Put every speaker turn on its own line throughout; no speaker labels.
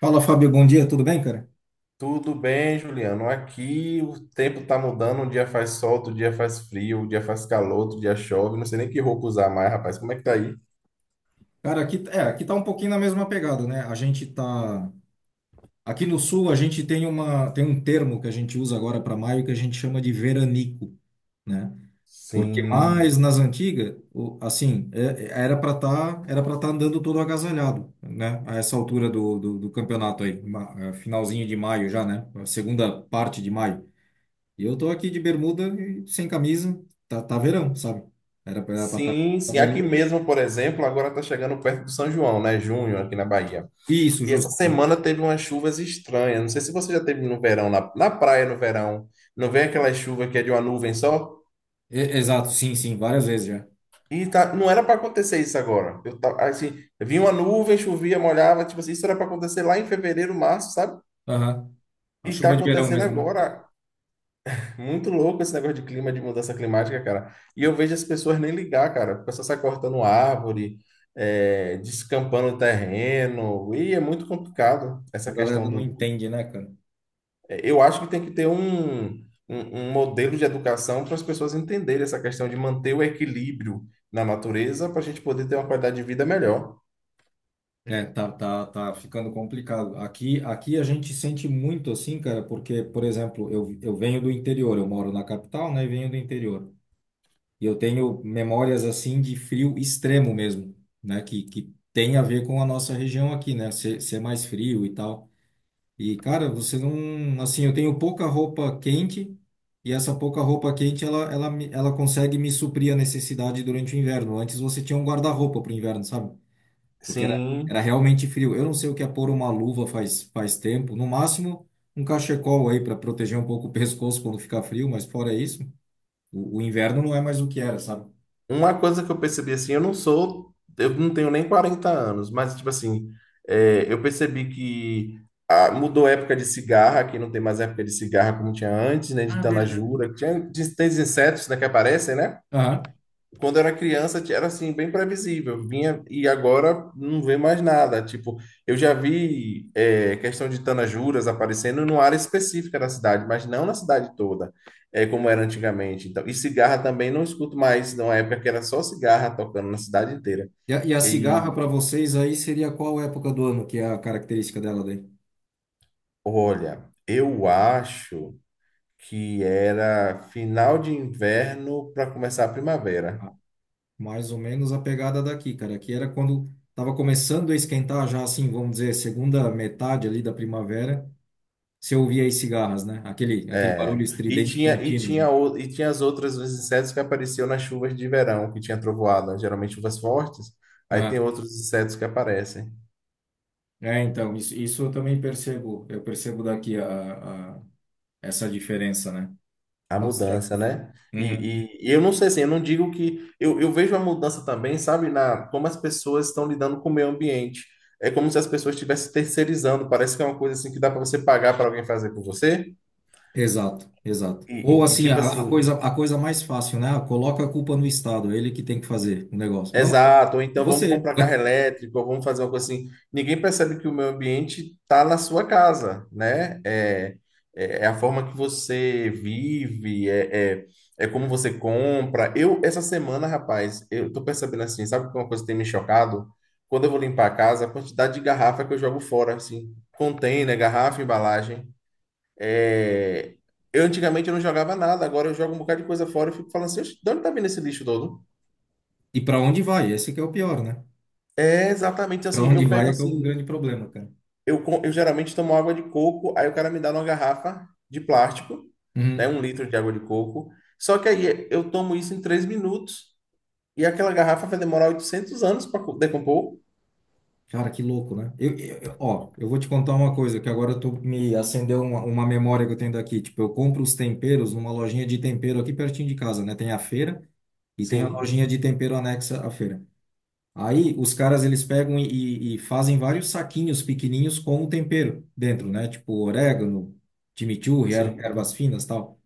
Fala, Fábio, bom dia, tudo bem, cara?
Tudo bem, Juliano? Aqui o tempo tá mudando, um dia faz sol, outro dia faz frio, um dia faz calor, outro dia chove. Não sei nem que roupa usar mais, rapaz. Como é que tá aí?
Cara, aqui, aqui tá um pouquinho na mesma pegada, né? A gente tá. Aqui no sul, a gente tem tem um termo que a gente usa agora para maio que a gente chama de veranico, né? Porque
Sim.
mais nas antigas, assim, era para estar andando todo agasalhado, né? A essa altura do campeonato aí, finalzinho de maio já, né? A segunda parte de maio. E eu tô aqui de bermuda e sem camisa, tá verão, sabe? Era para estar tá,
Sim,
tá
sim.
verão
Aqui
e.
mesmo, por exemplo, agora tá chegando perto do São João, né? Junho, aqui na Bahia.
Isso,
E essa
justo.
semana teve umas chuvas estranhas. Não sei se você já teve no verão, na praia no verão. Não vem aquela chuva que é de uma nuvem só?
Exato, sim, sim, várias vezes já.
E tá, não era para acontecer isso agora. Eu tava, assim, vinha uma nuvem, chovia, molhava, tipo assim, isso era para acontecer lá em fevereiro, março, sabe?
Aham. A
E tá
chuva de verão
acontecendo
mesmo, né?
agora. Muito louco esse negócio de clima, de mudança climática, cara. E eu vejo as pessoas nem ligar, cara. O pessoal sai cortando árvore, descampando terreno. E é muito complicado
A
essa
galera
questão.
não entende, né, cara?
Eu acho que tem que ter um modelo de educação para as pessoas entenderem essa questão de manter o equilíbrio na natureza para a gente poder ter uma qualidade de vida melhor.
É, tá ficando complicado. Aqui a gente sente muito assim, cara, porque, por exemplo, eu venho do interior, eu moro na capital, né, e venho do interior. E eu tenho memórias assim de frio extremo mesmo, né, que tem a ver com a nossa região aqui, né, ser mais frio e tal. E, cara, você não. Assim, eu tenho pouca roupa quente e essa pouca roupa quente ela consegue me suprir a necessidade durante o inverno. Antes você tinha um guarda-roupa para o inverno, sabe? Porque era,
Sim,
era realmente frio. Eu não sei o que é pôr uma luva faz, faz tempo. No máximo, um cachecol aí para proteger um pouco o pescoço quando fica frio, mas fora isso, o inverno não é mais o que era, sabe?
uma coisa que eu percebi assim, eu não sou, eu não tenho nem 40 anos, mas tipo assim, eu percebi que ah, mudou a época de cigarra, que não tem mais época de cigarra como tinha antes, né, de
Ah, verdade.
tanajura, que tinha, tem os insetos, né, que aparecem, né?
Aham.
Quando era criança, era assim bem previsível, vinha, e agora não vê mais nada. Tipo, eu já vi, é, questão de tanajuras aparecendo numa área específica da cidade, mas não na cidade toda, é como era antigamente. Então, e cigarra também não escuto mais numa época que era só cigarra tocando na cidade inteira.
E a cigarra para
E
vocês aí seria qual época do ano que é a característica dela daí?
olha, eu acho que era final de inverno para começar a primavera.
Mais ou menos a pegada daqui, cara. Aqui era quando estava começando a esquentar já, assim, vamos dizer, segunda metade ali da primavera, você ouvia as cigarras, né? Aquele barulho
É, e
estridente
tinha, e
contínuo, assim.
tinha, o- e tinha as outras, os insetos que apareciam nas chuvas de verão, que tinha trovoada, geralmente chuvas fortes, aí tem
Ah,
outros insetos que aparecem.
é, então, isso eu também percebo. Eu percebo daqui essa diferença, né?
A
Faz
mudança,
tempo. Né?
né? E,
Uhum.
e eu não sei assim, eu não digo que. Eu vejo a mudança também, sabe, na como as pessoas estão lidando com o meio ambiente. É como se as pessoas estivessem terceirizando, parece que é uma coisa assim que dá para você pagar para alguém fazer por você.
Exato, exato.
E,
Ou assim,
tipo assim,
a coisa mais fácil, né? Ah, coloca a culpa no Estado, é ele que tem que fazer o negócio. Não,
exato, ou
é
então vamos
você.
comprar carro elétrico, ou vamos fazer uma coisa assim. Ninguém percebe que o meio ambiente está na sua casa, né? É, é a forma que você vive, é como você compra. Eu, essa semana, rapaz, eu tô percebendo assim, sabe que uma coisa que tem me chocado? Quando eu vou limpar a casa, a quantidade de garrafa que eu jogo fora, assim, container, garrafa, embalagem. É, eu antigamente eu não jogava nada, agora eu jogo um bocado de coisa fora e fico falando assim, "Oxe, de onde tá vindo esse lixo todo?
E para onde vai? Esse que é o pior, né?
É exatamente
Pra
assim. Eu
onde vai
pego
é que é o
assim,
grande problema, cara.
eu geralmente tomo água de coco, aí o cara me dá uma garrafa de plástico, né?
Uhum.
1 litro de água de coco. Só que aí eu tomo isso em 3 minutos e aquela garrafa vai demorar 800 anos para decompor.
Cara, que louco, né? Ó, eu vou te contar uma coisa, que agora eu tô, me acendeu uma memória que eu tenho daqui. Tipo, eu compro os temperos numa lojinha de tempero aqui pertinho de casa, né? Tem a feira e tem a
Sim,
lojinha de tempero anexa à feira. Aí os caras, eles pegam e fazem vários saquinhos pequenininhos com o tempero dentro, né? Tipo, orégano, chimichurri,
sim.
ervas finas, tal.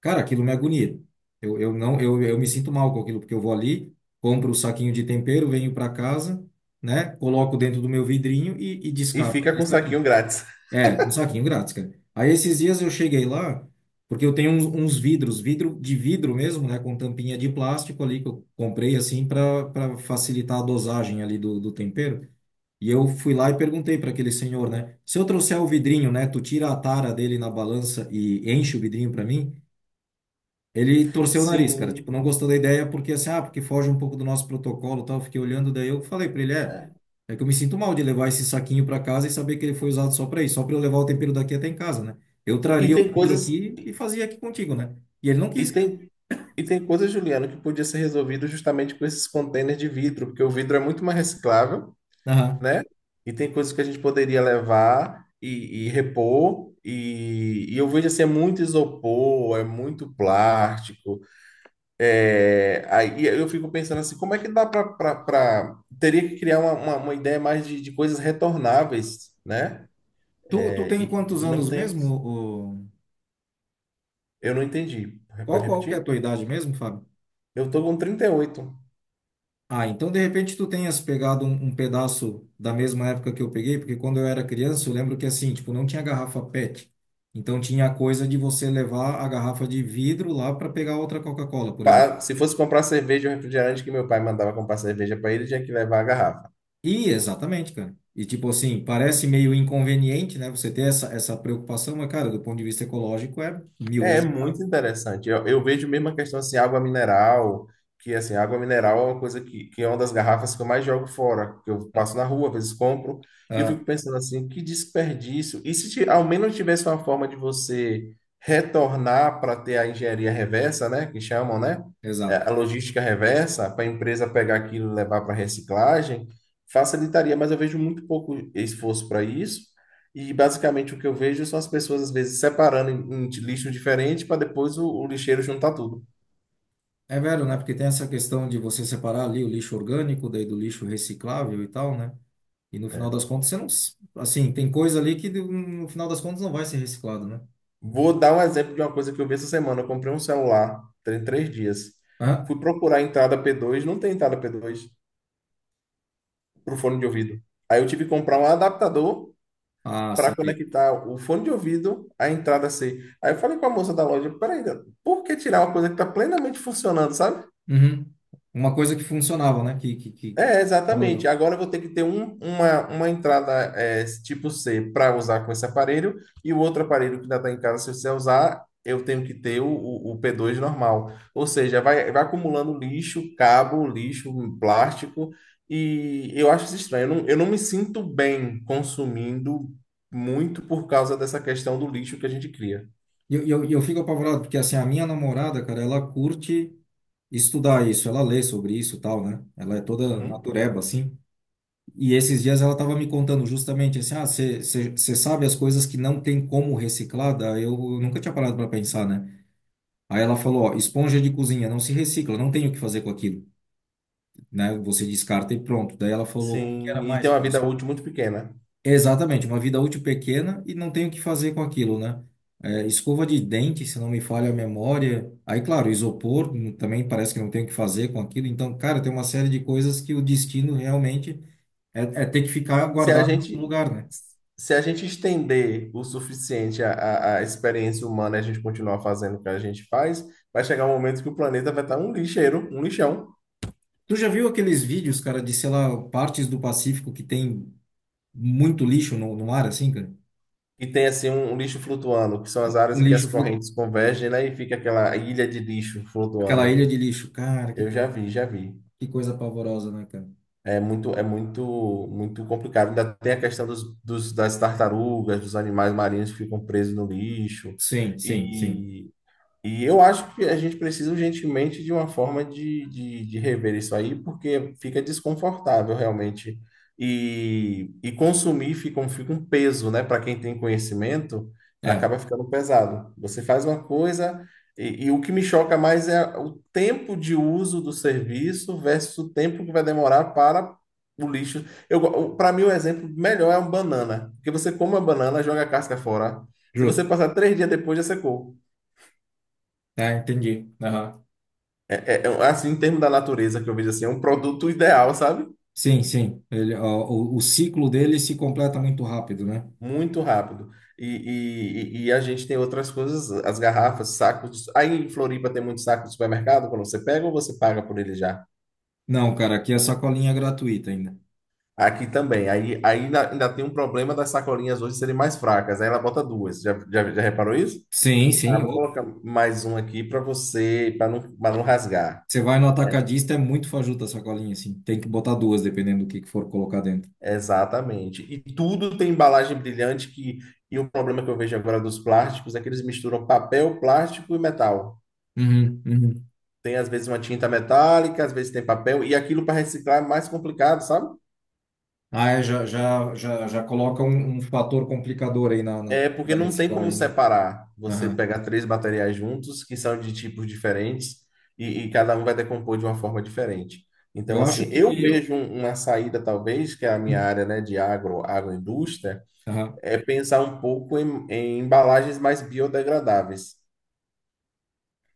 Cara, aquilo me agonia. Eu não, eu me sinto mal com aquilo, porque eu vou ali, compro o saquinho de tempero, venho para casa, né? Coloco dentro do meu vidrinho e
E
descarto
fica
aquele
com o
saquinho.
saquinho grátis.
É, um saquinho grátis, cara. Aí esses dias eu cheguei lá, porque eu tenho uns vidros, vidro de vidro mesmo, né? Com tampinha de plástico ali, que eu comprei assim para para facilitar a dosagem ali do tempero. E eu fui lá e perguntei para aquele senhor, né? Se eu trouxer o vidrinho, né? Tu tira a tara dele na balança e enche o vidrinho para mim? Ele torceu o nariz, cara. Tipo,
Sim,
não gostou da ideia porque assim, ah, porque foge um pouco do nosso protocolo, e tal. Eu fiquei olhando, daí eu falei pra ele, é,
é.
é que eu me sinto mal de levar esse saquinho pra casa e saber que ele foi usado só pra isso, só pra eu levar o tempero daqui até em casa, né? Eu
E, e
traria o
tem
vidro
coisas,
aqui e
e,
fazia aqui contigo, né? E ele não
e
quis, cara.
tem, e tem coisas, Juliano, que podia ser resolvido justamente com esses contêineres de vidro, porque o vidro é muito mais reciclável,
Aham.
né? E tem coisas que a gente poderia levar e repor. E eu vejo assim, é muito isopor, é muito plástico. É, aí eu fico pensando assim, como é que dá para... Teria que criar uma ideia mais de coisas retornáveis, né?
Tu
É,
tem
e
quantos
não
anos
temos.
mesmo? Ô,
Eu não entendi. Pode
Qual que é a
repetir?
tua idade mesmo, Fábio?
Eu tô com 38.
Ah, então de repente tu tenhas pegado um pedaço da mesma época que eu peguei, porque quando eu era criança eu lembro que assim, tipo, não tinha garrafa PET. Então tinha a coisa de você levar a garrafa de vidro lá para pegar outra Coca-Cola, por exemplo.
Se fosse comprar cerveja ou refrigerante que meu pai mandava comprar cerveja para ele, tinha que levar a garrafa.
E exatamente, cara. E tipo assim, parece meio inconveniente, né, você ter essa preocupação, mas cara, do ponto de vista ecológico é mil
É
vezes.
muito interessante. Eu vejo mesmo a questão assim, água mineral, que assim, água mineral é uma coisa que é uma das garrafas que eu mais jogo fora, que eu passo na rua, às vezes compro, e eu
Ah,
fico pensando assim, que desperdício. E se ao menos tivesse uma forma de você retornar para ter a engenharia reversa, né, que chamam, né? É,
exato.
a logística reversa, para a empresa pegar aquilo e levar para reciclagem, facilitaria, mas eu vejo muito pouco esforço para isso. E basicamente o que eu vejo são as pessoas às vezes separando em, em lixo diferente para depois o lixeiro juntar tudo.
É velho, né? Porque tem essa questão de você separar ali o lixo orgânico, daí do lixo reciclável e tal, né? E no final
É.
das contas, você não. Assim, tem coisa ali que no final das contas não vai ser reciclado, né?
Vou dar um exemplo de uma coisa que eu vi essa semana. Eu comprei um celular, tem 3 dias.
Hã?
Fui procurar a entrada P2, não tem entrada P2 para o fone de ouvido. Aí eu tive que comprar um adaptador
Ah,
para
saquei.
conectar o fone de ouvido à entrada C. Aí eu falei com a moça da loja, peraí, por que tirar uma coisa que está plenamente funcionando, sabe?
Uhum. Uma coisa que funcionava, né? Que
É,
tava
exatamente.
legal.
Agora eu vou ter que ter uma entrada, tipo C, para usar com esse aparelho, e o outro aparelho que ainda está em casa, se você usar, eu tenho que ter o P2 normal. Ou seja, vai acumulando lixo, cabo, lixo, plástico, e eu acho isso estranho. Eu não me sinto bem consumindo muito por causa dessa questão do lixo que a gente cria.
E eu fico apavorado, porque assim, a minha namorada, cara, ela curte estudar isso, ela lê sobre isso e tal, né? Ela é toda
Uhum.
natureba, assim. E esses dias ela tava me contando justamente assim, ah, você sabe as coisas que não tem como reciclar? Daí eu nunca tinha parado para pensar, né? Aí ela falou, ó, esponja de cozinha não se recicla, não tem o que fazer com aquilo. Né? Você descarta e pronto. Daí ela falou, o que que era
Sim, e
mais
tem uma
que
vida
isso?
útil muito pequena.
Exatamente, uma vida útil pequena e não tem o que fazer com aquilo, né? É, escova de dente, se não me falha a memória. Aí, claro, isopor também parece que não tem o que fazer com aquilo. Então, cara, tem uma série de coisas que o destino realmente é ter que ficar
se a
guardado em algum
gente
lugar, né?
se a gente estender o suficiente a, a experiência humana, e a gente continuar fazendo o que a gente faz, vai chegar um momento que o planeta vai estar um lixeiro, um lixão.
Tu já viu aqueles vídeos, cara, de, sei lá, partes do Pacífico que tem muito lixo no mar, assim, cara?
E tem assim um, um lixo flutuando, que são as áreas
Um
em que as
lixo, flu-
correntes convergem, né? E fica aquela ilha de lixo
aquela
flutuando.
ilha de lixo. Cara,
Eu já vi, já vi.
que coisa pavorosa, né, cara?
É muito, muito complicado. Ainda tem a questão dos, das tartarugas, dos animais marinhos que ficam presos no lixo.
Sim, sim, sim.
E E eu acho que a gente precisa urgentemente de uma forma de rever isso aí, porque fica desconfortável realmente. E consumir fica um peso, né? Para quem tem conhecimento,
É,
acaba ficando pesado. Você faz uma coisa, e, o que me choca mais é o tempo de uso do serviço versus o tempo que vai demorar para o lixo. Eu, para mim, o exemplo melhor é uma banana, porque você come a banana, joga a casca fora. Se você
justo.
passar 3 dias depois, já secou.
É, entendi. Aham.
É, é, é, assim, em termos da natureza que eu vejo assim, é um produto ideal, sabe?
Sim, sim. Ele, ó, o ciclo dele se completa muito rápido, né?
Muito rápido. E, e a gente tem outras coisas, as garrafas, sacos. Aí em Floripa tem muito saco de supermercado, quando você pega ou você paga por ele já?
Não, cara, aqui é sacolinha gratuita ainda.
Aqui também. Aí, aí ainda tem um problema das sacolinhas hoje serem mais fracas. Aí ela bota duas. Já reparou isso?
Sim,
Ah,
sim.
vou
Ô.
colocar mais um aqui para você, para não rasgar.
Você vai no atacadista, é muito fajuta a sacolinha, assim. Tem que botar duas, dependendo do que for colocar dentro.
Exatamente. E tudo tem embalagem brilhante que, e o problema que eu vejo agora dos plásticos é que eles misturam papel, plástico e metal.
Uhum, uhum.
Tem às vezes uma tinta metálica, às vezes tem papel, e aquilo para reciclar é mais complicado, sabe?
Ah, é, já coloca um fator complicador aí na
É porque
da
não tem como
reciclagem, né?
separar. Você
Aham.
pegar três materiais juntos, que são de tipos diferentes, e, cada um vai decompor de uma forma diferente. Então,
Eu
assim,
acho que.
eu vejo um- uma, saída, talvez, que é a minha área, né, de agroindústria,
Uhum.
é pensar um pouco em, em embalagens mais biodegradáveis.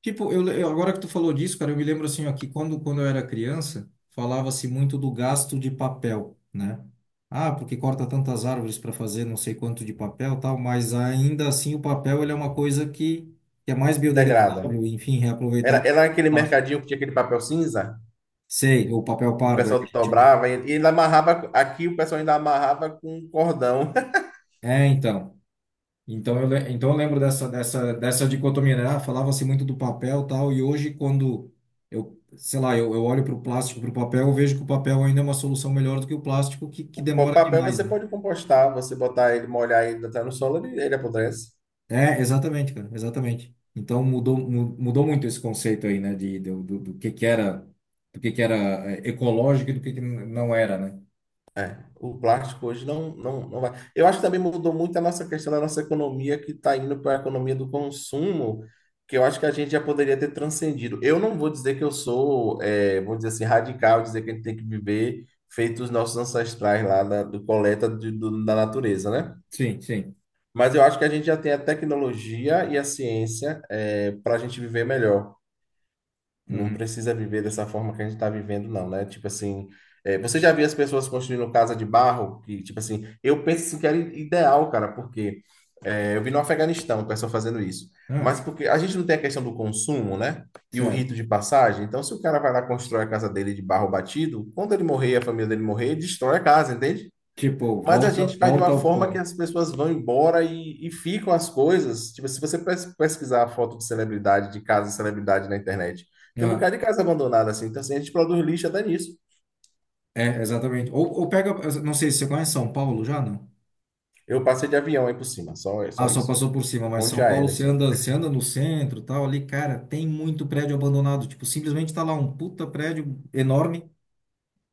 Tipo, agora que tu falou disso, cara, eu me lembro assim, ó, que quando eu era criança, falava-se muito do gasto de papel, né? Ah, porque corta tantas árvores para fazer não sei quanto de papel, tal, mas ainda assim o papel ele é uma coisa que é mais
Degrada.
biodegradável, enfim,
Era,
reaproveitável do que
era
o
aquele
plástico.
mercadinho que tinha aquele papel cinza,
Sei, o papel
que o
pardo é que a
pessoal
gente chama.
dobrava e ainda amarrava. Aqui o pessoal ainda amarrava com um cordão.
É, então. Então eu lembro dessa, dessa dicotomia, né? Ah, falava-se muito do papel e tal, e hoje quando eu, sei lá, eu olho para o plástico, para o papel, eu vejo que o papel ainda é uma solução melhor do que o plástico, que
O
demora
papel
demais,
você
né?
pode compostar, você botar ele, molhar ele, botar no solo, ele apodrece.
É, exatamente, cara, exatamente. Então mudou muito esse conceito aí, né? Do que era, do que era eh, ecológico e do que não era, né?
O plástico hoje não, não, não vai. Eu acho que também mudou muito a nossa questão da nossa economia, que está indo para a economia do consumo, que eu acho que a gente já poderia ter transcendido. Eu não vou dizer que eu sou, eh, vou dizer assim, radical, dizer que a gente tem que viver feito os nossos ancestrais lá da, do coleta da natureza, né?
Sim, sim.
Mas eu acho que a gente já tem a tecnologia e a ciência para a gente viver melhor. Não
Uhum.
precisa viver dessa forma que a gente está vivendo, não, né? Tipo assim, é, você já viu as pessoas construindo casa de barro? Que, tipo assim, eu penso assim, que era ideal, cara, porque é, eu vi no Afeganistão o pessoal fazendo isso.
Ah,
Mas porque a gente não tem a questão do consumo, né? E o
certo.
rito de passagem. Então, se o cara vai lá constrói a casa dele de barro batido, quando ele morrer, e a família dele morrer, ele destrói a casa, entende?
Tipo,
Mas a gente faz de
volta
uma
ao
forma que
pó.
as pessoas vão embora e ficam as coisas. Tipo, se você pesquisar a foto de celebridade, de casa de celebridade na internet, tem um bocado de casa abandonada assim. Então, assim, a gente produz lixo até nisso.
É, exatamente. Ou pega, não sei se você conhece São Paulo já, não?
Eu passei de avião aí por cima, só,
Ah,
só
só
isso.
passou por cima, mas
Ponte
São Paulo,
aérea só.
você anda no centro, tal, ali, cara, tem muito prédio abandonado. Tipo, simplesmente tá lá um puta prédio enorme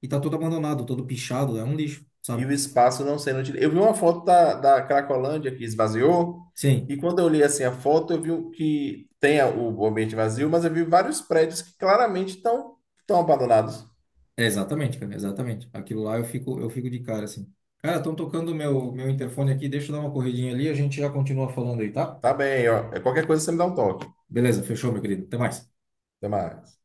e tá todo abandonado, todo pichado, é um lixo,
E o
sabe?
espaço não sendo utilizado. Eu vi uma foto da Cracolândia que esvaziou,
Sim,
e quando eu li assim a foto, eu vi o que tem a- o ambiente vazio, mas eu vi vários prédios que claramente estão abandonados.
é exatamente, cara, exatamente. Aquilo lá eu fico de cara, assim. Cara, estão tocando meu, meu interfone aqui, deixa eu dar uma corridinha ali, a gente já continua falando aí, tá?
Tá bem, ó, qualquer coisa você me dá um toque.
Beleza, fechou, meu querido. Até mais.
Até mais.